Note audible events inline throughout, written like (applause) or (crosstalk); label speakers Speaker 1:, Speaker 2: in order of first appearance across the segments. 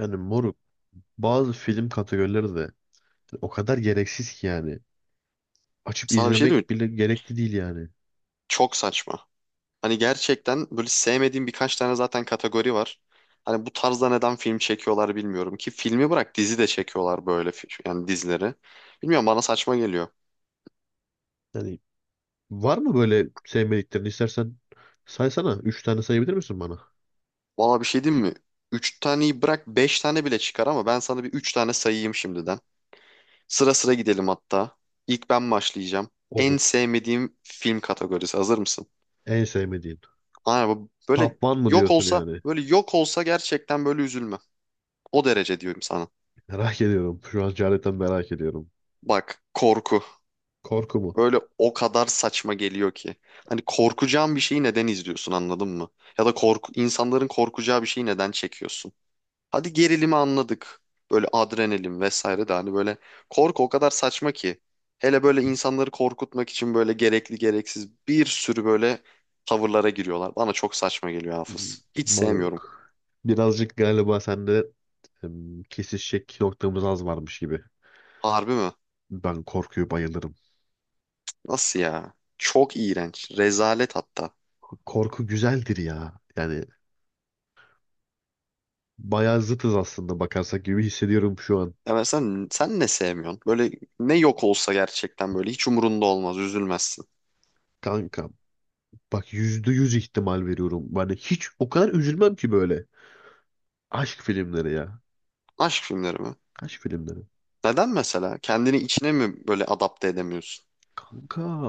Speaker 1: Yani moruk bazı film kategorileri de o kadar gereksiz ki yani. Açıp
Speaker 2: Sana bir şey diyeyim
Speaker 1: izlemek
Speaker 2: mi?
Speaker 1: bile gerekli değil yani.
Speaker 2: Çok saçma. Hani gerçekten böyle sevmediğim birkaç tane zaten kategori var. Hani bu tarzda neden film çekiyorlar bilmiyorum ki filmi bırak dizi de çekiyorlar böyle yani dizileri. Bilmiyorum bana saçma geliyor.
Speaker 1: Yani var mı böyle sevmediklerini istersen saysana. Üç tane sayabilir misin bana?
Speaker 2: Valla bir şey diyeyim mi? Üç taneyi bırak beş tane bile çıkar ama ben sana bir üç tane sayayım şimdiden. Sıra sıra gidelim hatta. İlk ben başlayacağım. En
Speaker 1: Olur.
Speaker 2: sevmediğim film kategorisi. Hazır mısın?
Speaker 1: En sevmediğin.
Speaker 2: Aynen böyle
Speaker 1: Top One mı diyorsun yani?
Speaker 2: yok olsa gerçekten böyle üzülme. O derece diyorum sana.
Speaker 1: (laughs) Merak ediyorum. Şu an cehaletten merak ediyorum.
Speaker 2: Bak korku.
Speaker 1: Korku mu?
Speaker 2: Böyle o kadar saçma geliyor ki. Hani korkacağın bir şeyi neden izliyorsun anladın mı? Ya da korku, insanların korkacağı bir şeyi neden çekiyorsun? Hadi gerilimi anladık. Böyle adrenalin vesaire de hani böyle korku o kadar saçma ki. Hele böyle insanları korkutmak için böyle gerekli gereksiz bir sürü böyle tavırlara giriyorlar. Bana çok saçma geliyor,
Speaker 1: Hmm,
Speaker 2: Hafız. Hiç sevmiyorum.
Speaker 1: moruk. Birazcık galiba sende kesişecek noktamız az varmış gibi.
Speaker 2: Harbi mi?
Speaker 1: Ben korkuyu bayılırım.
Speaker 2: Nasıl ya? Çok iğrenç. Rezalet hatta.
Speaker 1: Korku güzeldir ya. Yani bayağı zıtız aslında bakarsak gibi hissediyorum şu an.
Speaker 2: Ya mesela sen ne sevmiyorsun? Böyle ne yok olsa gerçekten böyle hiç umurunda olmaz, üzülmezsin.
Speaker 1: Kankam. Bak %100 ihtimal veriyorum. Yani hiç o kadar üzülmem ki böyle. Aşk filmleri ya.
Speaker 2: Aşk filmleri mi?
Speaker 1: Aşk filmleri.
Speaker 2: Neden mesela? Kendini içine mi böyle adapte edemiyorsun?
Speaker 1: Kanka.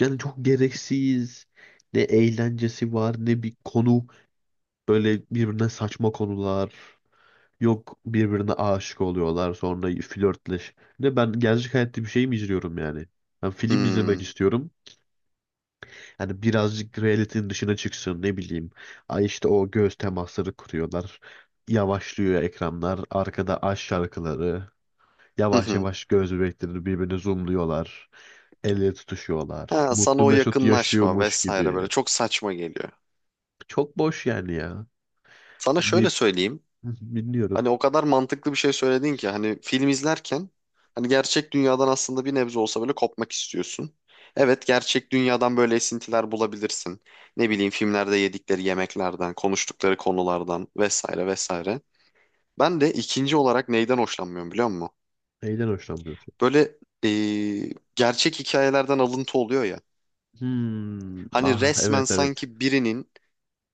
Speaker 1: Yani çok gereksiz. Ne eğlencesi var ne bir konu. Böyle birbirine saçma konular. Yok birbirine aşık oluyorlar sonra flörtleş. Ne ben gerçek hayatta bir şey mi izliyorum yani? Ben film
Speaker 2: Hmm.
Speaker 1: izlemek istiyorum. Yani birazcık realitenin dışına çıksın ne bileyim. Ay işte o göz temasları kuruyorlar. Yavaşlıyor ekranlar. Arkada aşk şarkıları.
Speaker 2: Hı
Speaker 1: Yavaş
Speaker 2: hı.
Speaker 1: yavaş göz bebeklerini birbirine zoomluyorlar. El ele tutuşuyorlar.
Speaker 2: Ha, sana
Speaker 1: Mutlu
Speaker 2: o
Speaker 1: Mesut
Speaker 2: yakınlaşma
Speaker 1: yaşıyormuş
Speaker 2: vesaire böyle
Speaker 1: gibi.
Speaker 2: çok saçma geliyor.
Speaker 1: Çok boş yani ya.
Speaker 2: Sana
Speaker 1: Hani
Speaker 2: şöyle söyleyeyim.
Speaker 1: (laughs) bilmiyorum.
Speaker 2: Hani o kadar mantıklı bir şey söyledin ki hani film izlerken hani gerçek dünyadan aslında bir nebze olsa böyle kopmak istiyorsun. Evet, gerçek dünyadan böyle esintiler bulabilirsin. Ne bileyim, filmlerde yedikleri yemeklerden, konuştukları konulardan vesaire vesaire. Ben de ikinci olarak neyden hoşlanmıyorum biliyor musun?
Speaker 1: Neyden hoşlanmıyorsun?
Speaker 2: Böyle gerçek hikayelerden alıntı oluyor ya.
Speaker 1: Hmm,
Speaker 2: Hani
Speaker 1: ah
Speaker 2: resmen
Speaker 1: evet evet.
Speaker 2: sanki birinin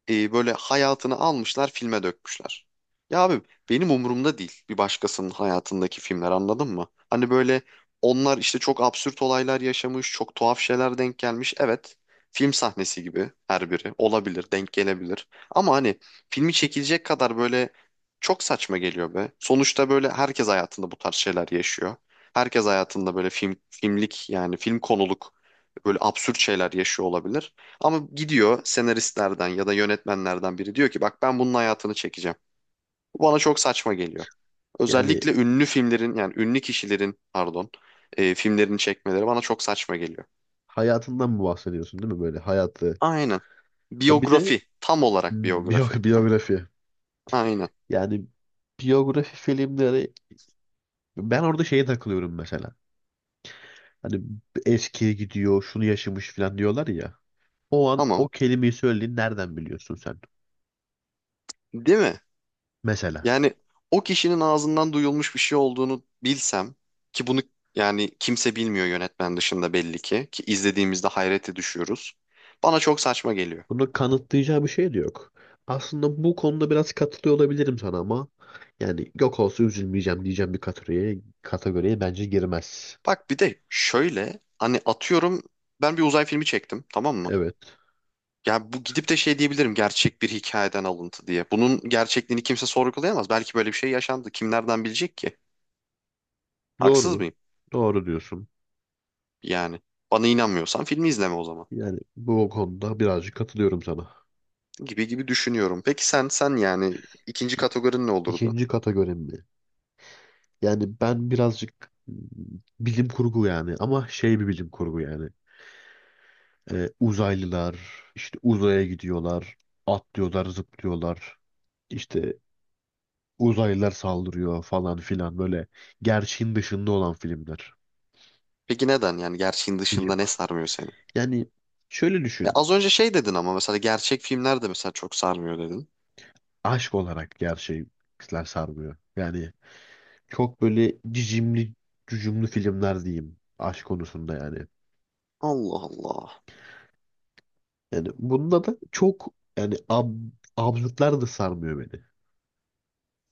Speaker 2: böyle hayatını almışlar filme dökmüşler. Ya abi, benim umurumda değil bir başkasının hayatındaki filmler, anladın mı? Hani böyle onlar işte çok absürt olaylar yaşamış, çok tuhaf şeyler denk gelmiş. Evet, film sahnesi gibi her biri olabilir, denk gelebilir. Ama hani filmi çekilecek kadar böyle çok saçma geliyor be. Sonuçta böyle herkes hayatında bu tarz şeyler yaşıyor. Herkes hayatında böyle film filmlik yani film konuluk böyle absürt şeyler yaşıyor olabilir. Ama gidiyor senaristlerden ya da yönetmenlerden biri diyor ki bak ben bunun hayatını çekeceğim. Bu bana çok saçma geliyor.
Speaker 1: Yani
Speaker 2: Özellikle ünlü filmlerin yani ünlü kişilerin, pardon, filmlerini çekmeleri bana çok saçma geliyor.
Speaker 1: hayatından mı bahsediyorsun değil mi böyle hayatı?
Speaker 2: Aynen.
Speaker 1: Ya bir de
Speaker 2: Biyografi. Tam olarak
Speaker 1: biyo
Speaker 2: biyografi.
Speaker 1: (laughs) biyografi.
Speaker 2: Aynen.
Speaker 1: Yani biyografi filmleri ben orada şeye takılıyorum mesela. Hani eskiye gidiyor, şunu yaşamış falan diyorlar ya. O an
Speaker 2: Tamam.
Speaker 1: o kelimeyi söylediğini nereden biliyorsun sen?
Speaker 2: Değil mi?
Speaker 1: Mesela.
Speaker 2: Yani o kişinin ağzından duyulmuş bir şey olduğunu bilsem, ki bunu yani kimse bilmiyor yönetmen dışında belli ki izlediğimizde hayrete düşüyoruz. Bana çok saçma geliyor.
Speaker 1: Bunu kanıtlayacağı bir şey de yok. Aslında bu konuda biraz katılıyor olabilirim sana ama yani yok olsa üzülmeyeceğim diyeceğim bir kategoriye bence girmez.
Speaker 2: Bak bir de şöyle, hani atıyorum, ben bir uzay filmi çektim, tamam mı?
Speaker 1: Evet.
Speaker 2: Yani bu gidip de şey diyebilirim, gerçek bir hikayeden alıntı diye. Bunun gerçekliğini kimse sorgulayamaz. Belki böyle bir şey yaşandı. Kim nereden bilecek ki? Haksız
Speaker 1: Doğru.
Speaker 2: mıyım?
Speaker 1: Doğru diyorsun.
Speaker 2: Yani bana inanmıyorsan filmi izleme o zaman.
Speaker 1: Yani bu konuda birazcık katılıyorum sana.
Speaker 2: Gibi gibi düşünüyorum. Peki sen yani ikinci
Speaker 1: İki,
Speaker 2: kategorin ne olurdu?
Speaker 1: ikinci kategorim mi? Yani ben birazcık bilim kurgu yani ama şey bir bilim kurgu yani. Uzaylılar işte uzaya gidiyorlar, atlıyorlar, zıplıyorlar. İşte uzaylılar saldırıyor falan filan böyle gerçeğin dışında olan filmler.
Speaker 2: Peki neden, yani gerçeğin
Speaker 1: Bilim.
Speaker 2: dışında ne sarmıyor seni?
Speaker 1: Yani şöyle
Speaker 2: E
Speaker 1: düşün.
Speaker 2: az önce şey dedin ama mesela gerçek filmler de mesela çok sarmıyor dedin.
Speaker 1: Aşk olarak gerçekler sarmıyor. Yani çok böyle cicimli, cücümlü filmler diyeyim aşk konusunda yani.
Speaker 2: Allah Allah.
Speaker 1: Yani bunda da çok yani absürtler de sarmıyor beni.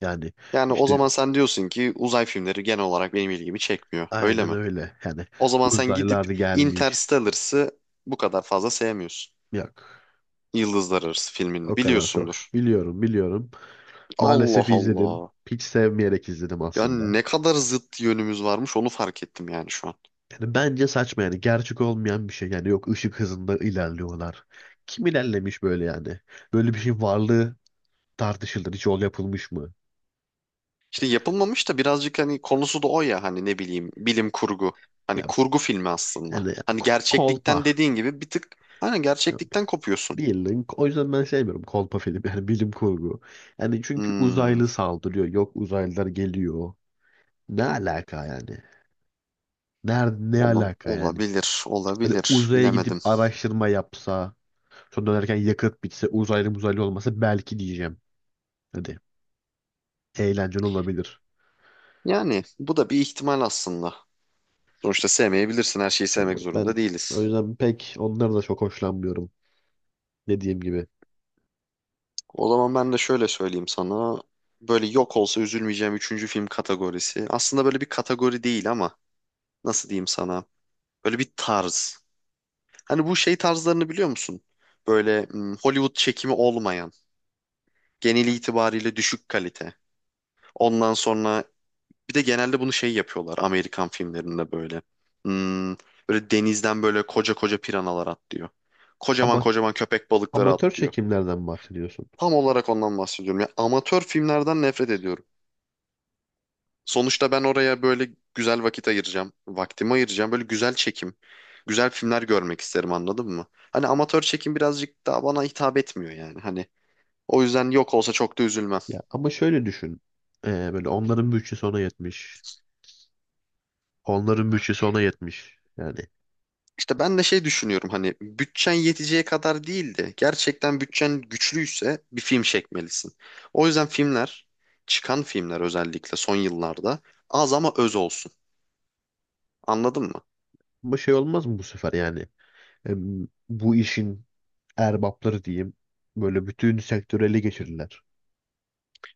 Speaker 1: Yani
Speaker 2: Yani o
Speaker 1: işte
Speaker 2: zaman sen diyorsun ki uzay filmleri genel olarak benim ilgimi çekmiyor. Öyle
Speaker 1: aynen
Speaker 2: mi?
Speaker 1: öyle. Yani
Speaker 2: O zaman sen
Speaker 1: uzaylılar
Speaker 2: gidip
Speaker 1: gelmiş.
Speaker 2: Interstellar'sı bu kadar fazla sevmiyorsun.
Speaker 1: Yok.
Speaker 2: Yıldızlar Arası filmini
Speaker 1: O kadar çok.
Speaker 2: biliyorsundur.
Speaker 1: Biliyorum, biliyorum.
Speaker 2: Allah
Speaker 1: Maalesef izledim.
Speaker 2: Allah.
Speaker 1: Hiç sevmeyerek izledim
Speaker 2: Ya
Speaker 1: aslında.
Speaker 2: ne kadar zıt yönümüz varmış, onu fark ettim yani şu an.
Speaker 1: Yani bence saçma yani. Gerçek olmayan bir şey. Yani yok ışık hızında ilerliyorlar. Kim ilerlemiş böyle yani? Böyle bir şeyin varlığı tartışılır. Hiç yol yapılmış mı?
Speaker 2: İşte yapılmamış da birazcık hani konusu da o ya, hani ne bileyim, bilim kurgu. Hani
Speaker 1: yani
Speaker 2: kurgu
Speaker 1: ko-
Speaker 2: filmi aslında.
Speaker 1: yani
Speaker 2: Hani gerçeklikten,
Speaker 1: Kolpa.
Speaker 2: dediğin gibi, bir tık hani
Speaker 1: Ya,
Speaker 2: gerçeklikten kopuyorsun.
Speaker 1: bilin. O yüzden ben sevmiyorum kolpa film. Yani bilim kurgu. Yani çünkü
Speaker 2: Hmm,
Speaker 1: uzaylı saldırıyor. Yok uzaylılar geliyor. Ne alaka yani? Nerede ne
Speaker 2: olam-
Speaker 1: alaka yani?
Speaker 2: olabilir,
Speaker 1: Hani
Speaker 2: olabilir.
Speaker 1: uzaya gidip
Speaker 2: Bilemedim.
Speaker 1: araştırma yapsa, sonra dönerken yakıt bitse, uzaylı muzaylı olmasa belki diyeceğim. Hadi eğlenceli olabilir.
Speaker 2: Yani bu da bir ihtimal aslında. Sonuçta sevmeyebilirsin. Her şeyi
Speaker 1: Yani
Speaker 2: sevmek
Speaker 1: ben
Speaker 2: zorunda
Speaker 1: o
Speaker 2: değiliz.
Speaker 1: yüzden pek onları da çok hoşlanmıyorum dediğim gibi.
Speaker 2: O zaman ben de şöyle söyleyeyim sana. Böyle yok olsa üzülmeyeceğim üçüncü film kategorisi. Aslında böyle bir kategori değil ama nasıl diyeyim sana? Böyle bir tarz. Hani bu şey tarzlarını biliyor musun? Böyle Hollywood çekimi olmayan, genel itibariyle düşük kalite. Ondan sonra bir de genelde bunu şey yapıyorlar, Amerikan filmlerinde böyle. Hmm, Böyle denizden böyle koca koca piranalar atlıyor. Kocaman
Speaker 1: Ama
Speaker 2: kocaman köpek balıkları
Speaker 1: amatör
Speaker 2: atlıyor.
Speaker 1: çekimlerden bahsediyorsun.
Speaker 2: Tam olarak ondan bahsediyorum. Ya, amatör filmlerden nefret ediyorum. Sonuçta ben oraya böyle güzel vakit ayıracağım. Vaktimi ayıracağım. Böyle güzel çekim. Güzel filmler görmek isterim, anladın mı? Hani amatör çekim birazcık daha bana hitap etmiyor yani. Hani o yüzden yok olsa çok da üzülmem.
Speaker 1: Ya ama şöyle düşün. Böyle onların bütçesi ona yetmiş. Onların bütçesi ona yetmiş. Yani
Speaker 2: İşte ben de şey düşünüyorum, hani bütçen yeteceği kadar değil de gerçekten bütçen güçlüyse bir film çekmelisin. O yüzden çıkan filmler özellikle son yıllarda az ama öz olsun. Anladın mı?
Speaker 1: ama şey olmaz mı bu sefer yani? Bu işin erbapları diyeyim. Böyle bütün sektörü ele geçirirler.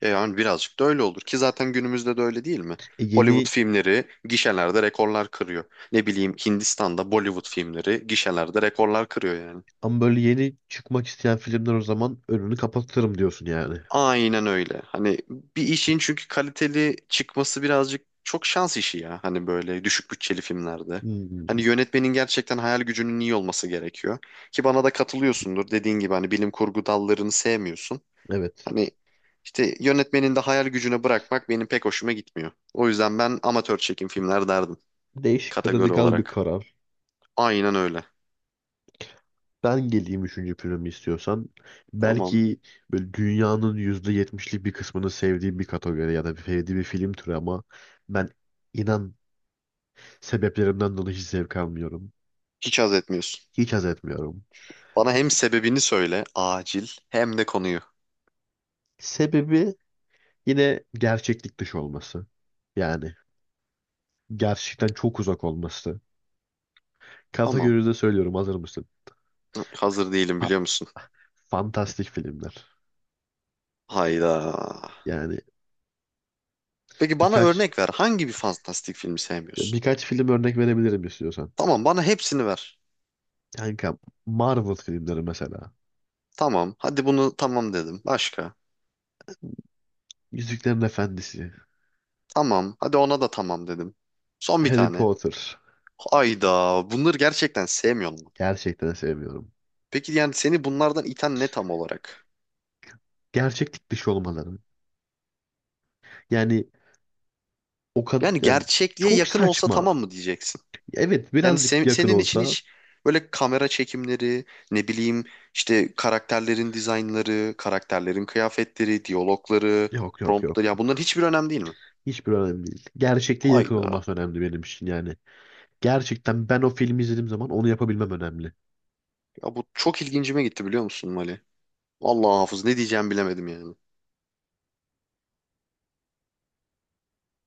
Speaker 2: E yani birazcık da öyle olur ki zaten günümüzde de öyle, değil mi?
Speaker 1: E
Speaker 2: Hollywood
Speaker 1: yeni
Speaker 2: filmleri gişelerde rekorlar kırıyor. Ne bileyim, Hindistan'da Bollywood filmleri gişelerde rekorlar kırıyor yani.
Speaker 1: Ama böyle yeni çıkmak isteyen filmler o zaman önünü kapatırım diyorsun yani.
Speaker 2: Aynen öyle. Hani bir işin çünkü kaliteli çıkması birazcık çok şans işi ya, hani böyle düşük bütçeli filmlerde.
Speaker 1: Hmm,
Speaker 2: Hani yönetmenin gerçekten hayal gücünün iyi olması gerekiyor. Ki bana da katılıyorsundur. Dediğin gibi hani bilim kurgu dallarını sevmiyorsun.
Speaker 1: evet.
Speaker 2: Hani işte yönetmenin de hayal gücüne bırakmak benim pek hoşuma gitmiyor. O yüzden ben amatör çekim filmler derdim,
Speaker 1: Değişik ve
Speaker 2: kategori
Speaker 1: radikal bir
Speaker 2: olarak.
Speaker 1: karar.
Speaker 2: Aynen öyle.
Speaker 1: Ben geleyim üçüncü filmi istiyorsan.
Speaker 2: Tamam.
Speaker 1: Belki böyle dünyanın %70'lik bir kısmını sevdiği bir kategori ya da sevdiği bir film türü ama ben inan sebeplerimden dolayı hiç zevk almıyorum.
Speaker 2: Hiç haz etmiyorsun.
Speaker 1: Hiç haz etmiyorum.
Speaker 2: Bana hem sebebini söyle acil hem de konuyu.
Speaker 1: Sebebi yine gerçeklik dışı olması. Yani gerçekten çok uzak olması.
Speaker 2: Tamam.
Speaker 1: Kategoride söylüyorum hazır mısın?
Speaker 2: Hazır değilim,
Speaker 1: Ha,
Speaker 2: biliyor musun?
Speaker 1: fantastik filmler.
Speaker 2: Hayda.
Speaker 1: Yani
Speaker 2: Peki bana
Speaker 1: birkaç
Speaker 2: örnek ver. Hangi bir fantastik filmi sevmiyorsun?
Speaker 1: birkaç film örnek verebilirim istiyorsan.
Speaker 2: Tamam, bana hepsini ver.
Speaker 1: Kanka Marvel filmleri mesela.
Speaker 2: Tamam. Hadi bunu tamam dedim. Başka.
Speaker 1: Yüzüklerin Efendisi,
Speaker 2: Tamam. Hadi ona da tamam dedim. Son bir
Speaker 1: Harry
Speaker 2: tane.
Speaker 1: Potter.
Speaker 2: Hayda. Bunları gerçekten sevmiyor mu?
Speaker 1: Gerçekten sevmiyorum.
Speaker 2: Peki yani seni bunlardan iten ne tam olarak?
Speaker 1: Gerçeklik dışı olmaları. Yani o kadar
Speaker 2: Yani
Speaker 1: yani
Speaker 2: gerçekliğe
Speaker 1: çok
Speaker 2: yakın olsa tamam
Speaker 1: saçma.
Speaker 2: mı diyeceksin?
Speaker 1: Evet
Speaker 2: Yani
Speaker 1: birazcık yakın
Speaker 2: senin için
Speaker 1: olsa
Speaker 2: hiç böyle kamera çekimleri, ne bileyim işte karakterlerin dizaynları, karakterlerin kıyafetleri, diyalogları,
Speaker 1: yok yok yok
Speaker 2: promptları ya, bunların
Speaker 1: yok.
Speaker 2: hiçbir önemli değil mi?
Speaker 1: Hiçbir önemli değil. Gerçekliğe yakın
Speaker 2: Hayda.
Speaker 1: olması önemli benim için yani. Gerçekten ben o filmi izlediğim zaman onu yapabilmem önemli.
Speaker 2: Ya bu çok ilgincime gitti, biliyor musun Mali? Vallahi Hafız, ne diyeceğimi bilemedim yani.